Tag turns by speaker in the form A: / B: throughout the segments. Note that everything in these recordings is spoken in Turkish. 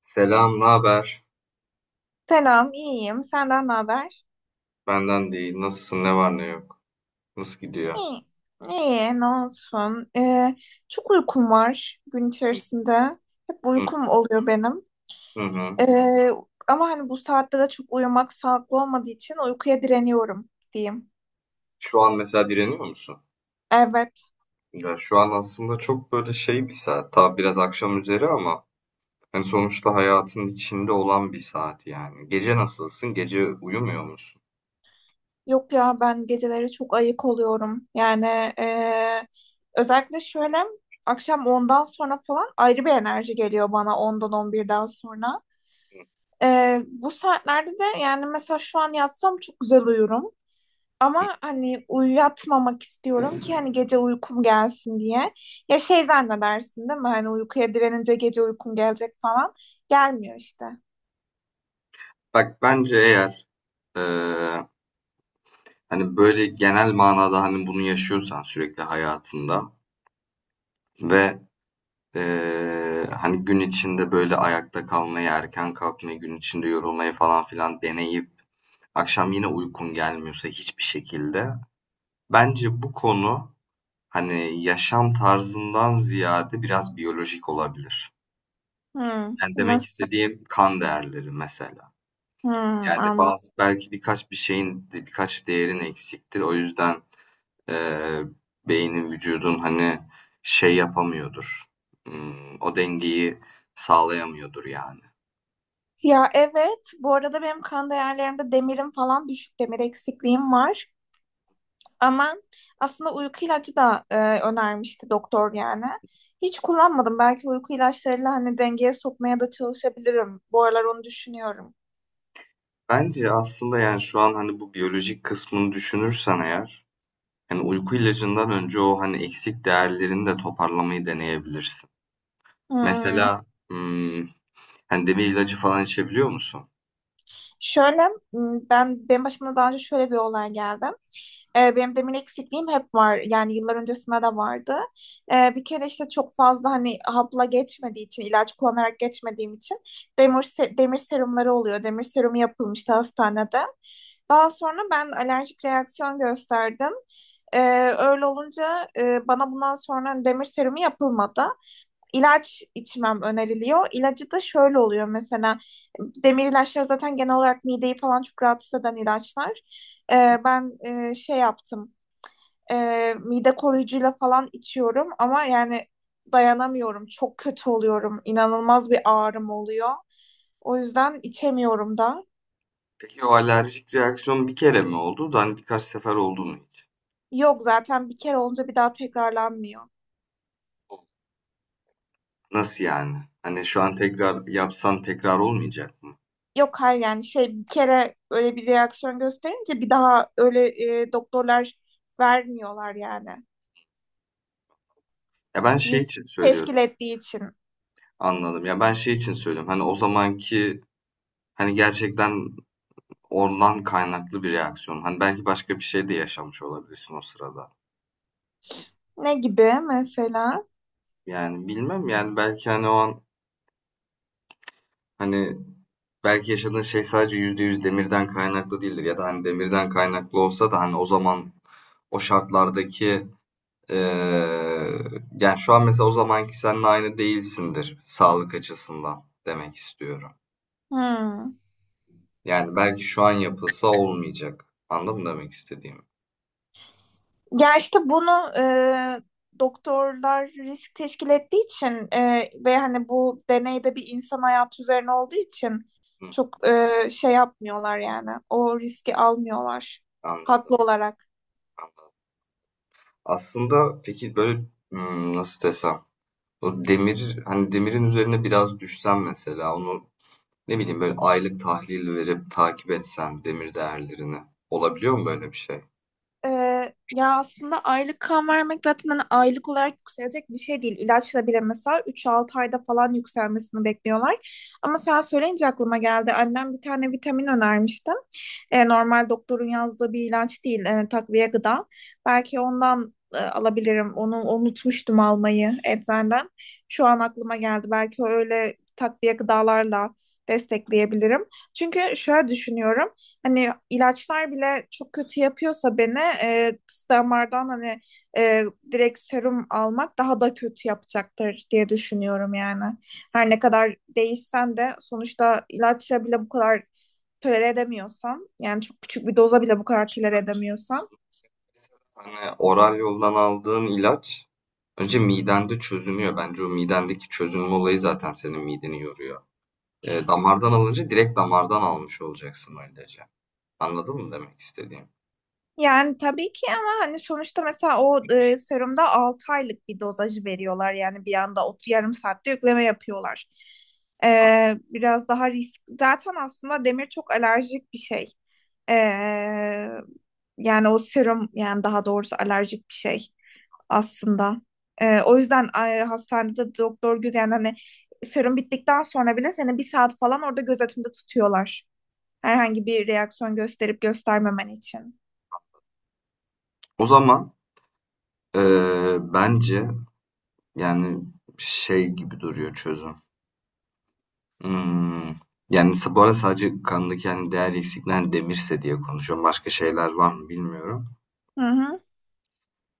A: Selam, ne haber?
B: Selam, iyiyim. Senden ne haber?
A: Benden değil. Nasılsın? Ne var ne yok? Nasıl gidiyor?
B: İyi. İyi, ne olsun. Çok uykum var gün içerisinde. Hep
A: Hı
B: uykum oluyor benim.
A: hı. Hı.
B: Ee, ama hani bu saatte de çok uyumak sağlıklı olmadığı için uykuya direniyorum diyeyim.
A: Şu an mesela direniyor musun?
B: Evet.
A: Ya şu an aslında çok böyle şey bir saat. Tabi biraz akşam üzeri ama yani sonuçta hayatın içinde olan bir saat yani. Gece nasılsın? Gece uyumuyor musun?
B: Yok ya ben geceleri çok ayık oluyorum. Yani ee, özellikle şöyle akşam ondan sonra falan ayrı bir enerji geliyor bana ondan 11'den sonra. Bu saatlerde de yani mesela şu an yatsam çok güzel uyurum.
A: Hı.
B: Ama hani uyuyatmamak istiyorum ki hani gece uykum gelsin diye. Ya şey zannedersin değil mi? Hani uykuya direnince gece uykum gelecek falan. Gelmiyor işte.
A: Bak bence eğer eee, hani böyle genel manada hani bunu yaşıyorsan sürekli hayatında ve hani gün içinde böyle ayakta kalmayı, erken kalkmayı, gün içinde yorulmayı falan filan deneyip akşam yine uykun gelmiyorsa hiçbir şekilde. Bence bu konu hani yaşam tarzından ziyade biraz biyolojik olabilir.
B: Hmm,
A: Yani demek
B: nasıl?
A: istediğim kan değerleri mesela.
B: Hmm,
A: Yani
B: anladım.
A: bazı belki birkaç bir şeyin birkaç değerin eksiktir. O yüzden eee, beynin vücudun hani şey yapamıyordur. Hmm, o dengeyi sağlayamıyordur yani.
B: Ya evet. Bu arada benim kan değerlerimde demirim falan düşük. Demir eksikliğim var. Ama aslında uyku ilacı da önermişti doktor yani. Hiç kullanmadım. Belki uyku ilaçlarıyla hani dengeye sokmaya da çalışabilirim. Bu aralar onu düşünüyorum.
A: Bence aslında, yani, şu an, hani, bu biyolojik kısmını düşünürsen eğer, hani, uyku ilacından önce o, hani, eksik değerlerini de toparlamayı deneyebilirsin.
B: Hmm.
A: Mesela, ımm, hani, demir ilacı falan içebiliyor musun?
B: Şöyle ben benim başıma daha önce şöyle bir olay geldi. Benim demir eksikliğim hep var. Yani yıllar öncesinde de vardı. Bir kere işte çok fazla hani hapla geçmediği için, ilaç kullanarak geçmediğim için demir serumları oluyor. Demir serumu yapılmıştı hastanede. Daha sonra ben alerjik reaksiyon gösterdim. Ee, öyle olunca bana bundan sonra demir serumu yapılmadı, ilaç içmem öneriliyor. İlacı da şöyle oluyor mesela, demir ilaçlar zaten genel olarak mideyi falan çok rahatsız eden ilaçlar. Ben şey yaptım, mide koruyucuyla falan içiyorum ama yani dayanamıyorum, çok kötü oluyorum, inanılmaz bir ağrım oluyor. O yüzden içemiyorum da.
A: Peki o alerjik reaksiyon bir kere mi oldu da, hani, birkaç sefer oldu mu hiç?
B: Yok, zaten bir kere olunca bir daha tekrarlanmıyor.
A: Nasıl yani? Hani, şu an tekrar yapsan tekrar olmayacak mı?
B: Yok, hayır yani şey, bir kere öyle bir reaksiyon gösterince bir daha öyle doktorlar vermiyorlar yani.
A: Ya, ben şey
B: Risk
A: için söylüyorum.
B: teşkil ettiği için.
A: Anladım. Ya, ben şey için söylüyorum, hani, o zamanki, hani, gerçekten ondan kaynaklı bir reaksiyon. Hani belki başka bir şey de yaşamış olabilirsin o sırada.
B: Ne gibi mesela?
A: Yani bilmem yani belki hani o an hani belki yaşadığın şey sadece %100 demirden kaynaklı değildir. Ya da hani demirden kaynaklı olsa da hani o zaman o şartlardaki eee, yani şu an mesela o zamanki seninle aynı değilsindir sağlık açısından demek istiyorum.
B: Hmm.
A: Yani belki şu an yapılsa olmayacak. Anladın mı demek istediğimi?
B: Ya işte bunu e, doktorlar risk teşkil ettiği için ve hani bu deneyde bir insan hayatı üzerine olduğu için
A: Hı,
B: çok şey yapmıyorlar yani. O riski almıyorlar
A: anladım,
B: haklı olarak.
A: anladım. Aslında peki böyle hmm, nasıl desem? O demir hani demirin üzerine biraz düşsen mesela onu ne bileyim böyle aylık tahlil verip takip etsen demir değerlerini, olabiliyor mu böyle bir şey?
B: Ya aslında aylık kan vermek zaten hani aylık olarak yükselecek bir şey değil. İlaçla bile mesela 3-6 ayda falan yükselmesini bekliyorlar. Ama sen söyleyince aklıma geldi. Annem bir tane vitamin önermişti. Normal doktorun yazdığı bir ilaç değil, takviye gıda. Belki ondan alabilirim. Onu unutmuştum almayı eczaneden. Şu an aklıma geldi. Belki öyle takviye gıdalarla destekleyebilirim. Çünkü şöyle düşünüyorum. Hani ilaçlar bile çok kötü yapıyorsa beni, damardan hani e, direkt serum almak daha da kötü yapacaktır diye düşünüyorum yani. Her ne kadar değişsen de sonuçta ilaçla bile bu kadar tolere edemiyorsan, yani çok küçük bir doza bile bu kadar tolere edemiyorsan.
A: Hani oral yoldan aldığın ilaç önce midende çözünüyor. Bence o midendeki çözünme olayı zaten senin mideni yoruyor. E, damardan alınca direkt damardan almış olacaksın o ilacı. Anladın mı demek istediğim?
B: Yani tabii ki ama hani sonuçta mesela o serumda 6 aylık bir dozajı veriyorlar. Yani bir anda o yarım saatte yükleme yapıyorlar. Biraz daha risk. Zaten aslında demir çok alerjik bir şey. Ee, yani o serum, yani daha doğrusu alerjik bir şey aslında. O yüzden hastanede doktor yani hani serum bittikten sonra bile seni bir saat falan orada gözetimde tutuyorlar. Herhangi bir reaksiyon gösterip göstermemen için.
A: O zaman e, bence yani şey gibi duruyor çözüm. Hımm. Yani, sa bu arada sadece kandaki, hani, değer eksikliğinden demirse diye konuşuyorum. Başka şeyler var mı bilmiyorum.
B: Hı hı.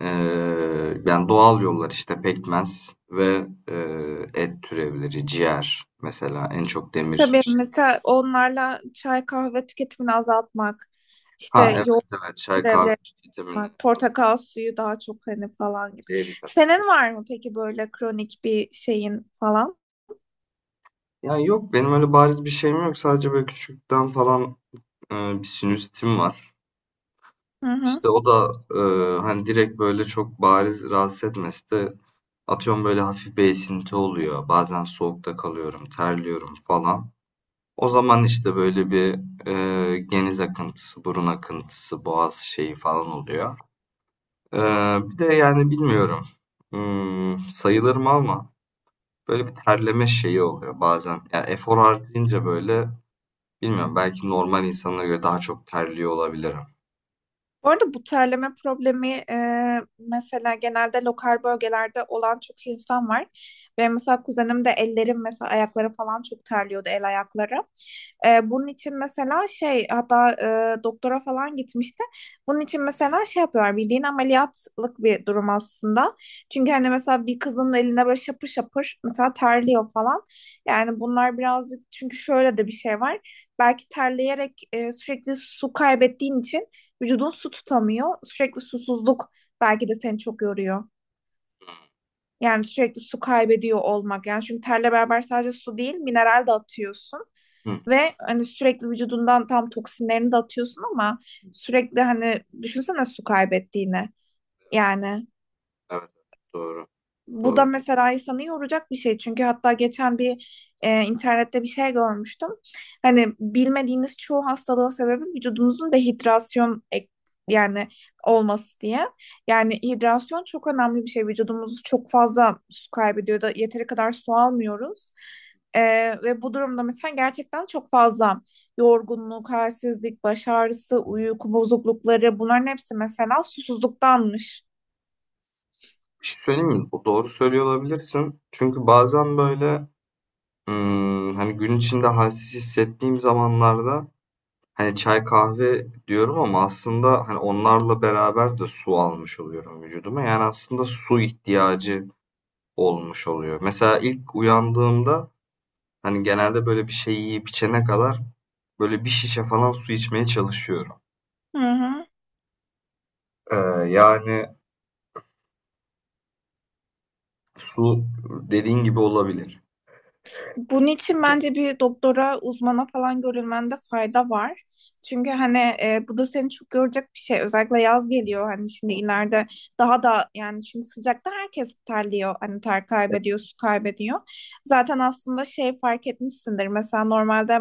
A: Yani, doğal yollar, işte, pekmez ve, et türevleri, ciğer mesela en çok demir.
B: Tabii mesela onlarla çay, kahve tüketimini azaltmak,
A: Ha,
B: işte
A: evet,
B: yoğurt
A: evet. Çay, kahve,
B: türevleri
A: vitamini,
B: yapmak, portakal suyu daha çok hani falan gibi.
A: C vitamini.
B: Senin var mı peki böyle kronik bir şeyin falan?
A: Yani yok, benim öyle bariz bir şeyim yok. Sadece böyle küçükten falan, bir sinüsitim var.
B: Hı hı.
A: İşte, o da, hani, direkt böyle çok bariz rahatsız etmese de atıyorum böyle hafif bir esinti oluyor. Bazen soğukta kalıyorum, terliyorum falan. O zaman işte böyle bir geniz akıntısı, burun akıntısı, boğaz şeyi falan oluyor. E, bir de yani bilmiyorum. Hmm, sayılır mı ama böyle bir terleme şeyi oluyor bazen. Yani efor harcayınca böyle bilmiyorum belki normal insanlara göre daha çok terliyor olabilirim.
B: Bu arada bu terleme problemi, mesela genelde lokal bölgelerde olan çok insan var. Benim mesela kuzenim de, ellerim mesela, ayakları falan çok terliyordu, el ayakları. Bunun için mesela şey, hatta doktora falan gitmişti. Bunun için mesela şey yapıyorlar, bildiğin ameliyatlık bir durum aslında. Çünkü hani mesela bir kızın eline böyle şapır şapır mesela terliyor falan. Yani bunlar birazcık, çünkü şöyle de bir şey var. Belki terleyerek, sürekli su kaybettiğin için, vücudun su tutamıyor. Sürekli susuzluk belki de seni çok yoruyor.
A: Hı,
B: Yani sürekli su kaybediyor olmak. Yani çünkü terle beraber sadece su değil, mineral de atıyorsun. Ve hani sürekli vücudundan tam toksinlerini de atıyorsun ama sürekli hani düşünsene su kaybettiğini. Yani
A: evet, doğru,
B: bu da
A: doğru.
B: mesela insanı yoracak bir şey. Çünkü hatta geçen bir internette bir şey görmüştüm. Hani bilmediğiniz çoğu hastalığın sebebi vücudumuzun dehidrasyon yani olması diye. Yani hidrasyon çok önemli bir şey. Vücudumuz çok fazla su kaybediyor da yeteri kadar su almıyoruz. E, ve bu durumda mesela gerçekten çok fazla yorgunluk, halsizlik, baş ağrısı, uyku bozuklukları, bunların hepsi mesela susuzluktanmış.
A: Bir şey söyleyeyim mi? O doğru söylüyor olabilirsin. Çünkü bazen böyle hani, gün içinde halsiz hissettiğim zamanlarda, hani, çay, kahve diyorum ama aslında, hani, onlarla beraber de su almış oluyorum vücuduma. Yani, aslında su ihtiyacı olmuş oluyor. Mesela ilk uyandığımda, hani, genelde böyle bir şey yiyip içene kadar böyle bir şişe falan su içmeye çalışıyorum.
B: Hı hı.
A: Eee, yani, su dediğin gibi olabilir.
B: Bunun için bence bir doktora, uzmana falan görülmende fayda var. Çünkü hani bu da seni çok görecek bir şey. Özellikle yaz geliyor, hani şimdi ileride daha da, yani şimdi sıcakta herkes terliyor. Hani ter kaybediyor, su kaybediyor. Zaten aslında şey fark etmişsindir. Mesela normalde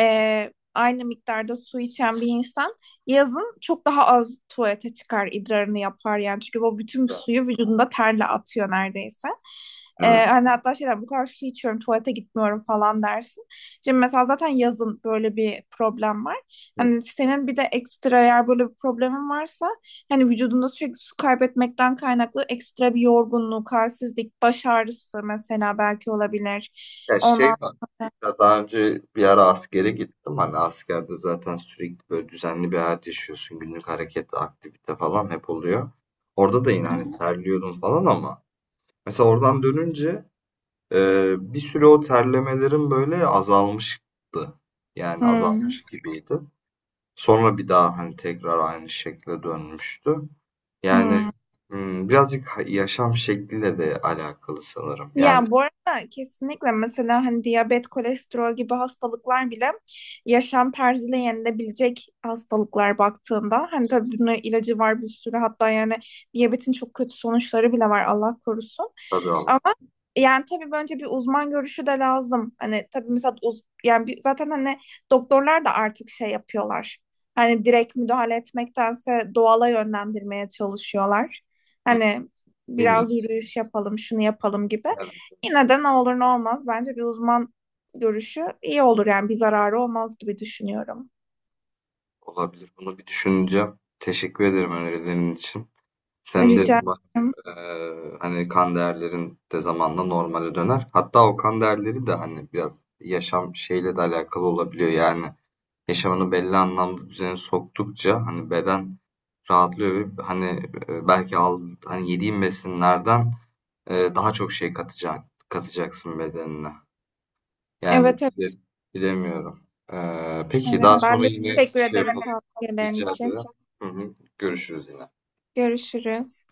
B: aynı miktarda su içen bir insan yazın çok daha az tuvalete çıkar, idrarını yapar yani. Çünkü o bütün suyu vücudunda terle atıyor neredeyse. Ee,
A: Evet.
B: hani hatta şeyler, bu kadar su içiyorum tuvalete gitmiyorum falan dersin. Şimdi mesela zaten yazın böyle bir problem var. Hani senin bir de ekstra, eğer böyle bir problemin varsa, hani vücudunda sürekli su kaybetmekten kaynaklı ekstra bir yorgunluk, halsizlik, baş ağrısı mesela belki olabilir.
A: Ya şey
B: Ondan
A: var.
B: sonra.
A: Ya daha önce bir ara askere gittim. Hani askerde zaten sürekli böyle düzenli bir hayat yaşıyorsun. Günlük hareket, aktivite falan hep oluyor. Orada da yine hani terliyordum falan ama mesela oradan dönünce bir süre o terlemelerim böyle azalmıştı. Yani
B: Hmm,
A: azalmış gibiydi. Sonra bir daha hani tekrar aynı şekle dönmüştü. Yani
B: hmm.
A: hmm, birazcık ha- yaşam şekliyle de alakalı sanırım. Yani
B: Ya bu arada kesinlikle mesela hani diyabet, kolesterol gibi hastalıklar bile yaşam tarzıyla yenilebilecek hastalıklar baktığında. Hani tabii bunun ilacı var bir sürü, hatta yani diyabetin çok kötü sonuçları bile var, Allah korusun.
A: tabii ama.
B: Ama yani tabii bence bir uzman görüşü de lazım. Hani tabii mesela yani zaten hani doktorlar da artık şey yapıyorlar. Hani direkt müdahale etmektense doğala yönlendirmeye çalışıyorlar.
A: Hı,
B: Hani
A: en
B: biraz
A: iyisi.
B: yürüyüş yapalım, şunu yapalım gibi.
A: Evet.
B: Yine de ne olur ne olmaz bence bir uzman görüşü iyi olur, yani bir zararı olmaz gibi düşünüyorum.
A: Olabilir. Bunu bir düşüneceğim. Teşekkür ederim önerilerin için. Sen
B: Rica
A: de bak,
B: ederim.
A: hani kan değerlerin de zamanla normale döner. Hatta o kan değerleri de hani biraz yaşam şeyle de alakalı olabiliyor. Yani yaşamını belli anlamda düzene soktukça hani beden rahatlıyor ve hani belki al, hani yediğin besinlerden daha çok şey katacak, katacaksın bedenine. Yani
B: Evet, evet,
A: bile- bilemiyorum. Peki daha
B: evet. Ben
A: sonra
B: de
A: yine
B: teşekkür
A: şey
B: ederim
A: yapalım.
B: tavsiyelerin
A: Rica
B: için.
A: ederim. Hı hı. Görüşürüz yine.
B: Görüşürüz.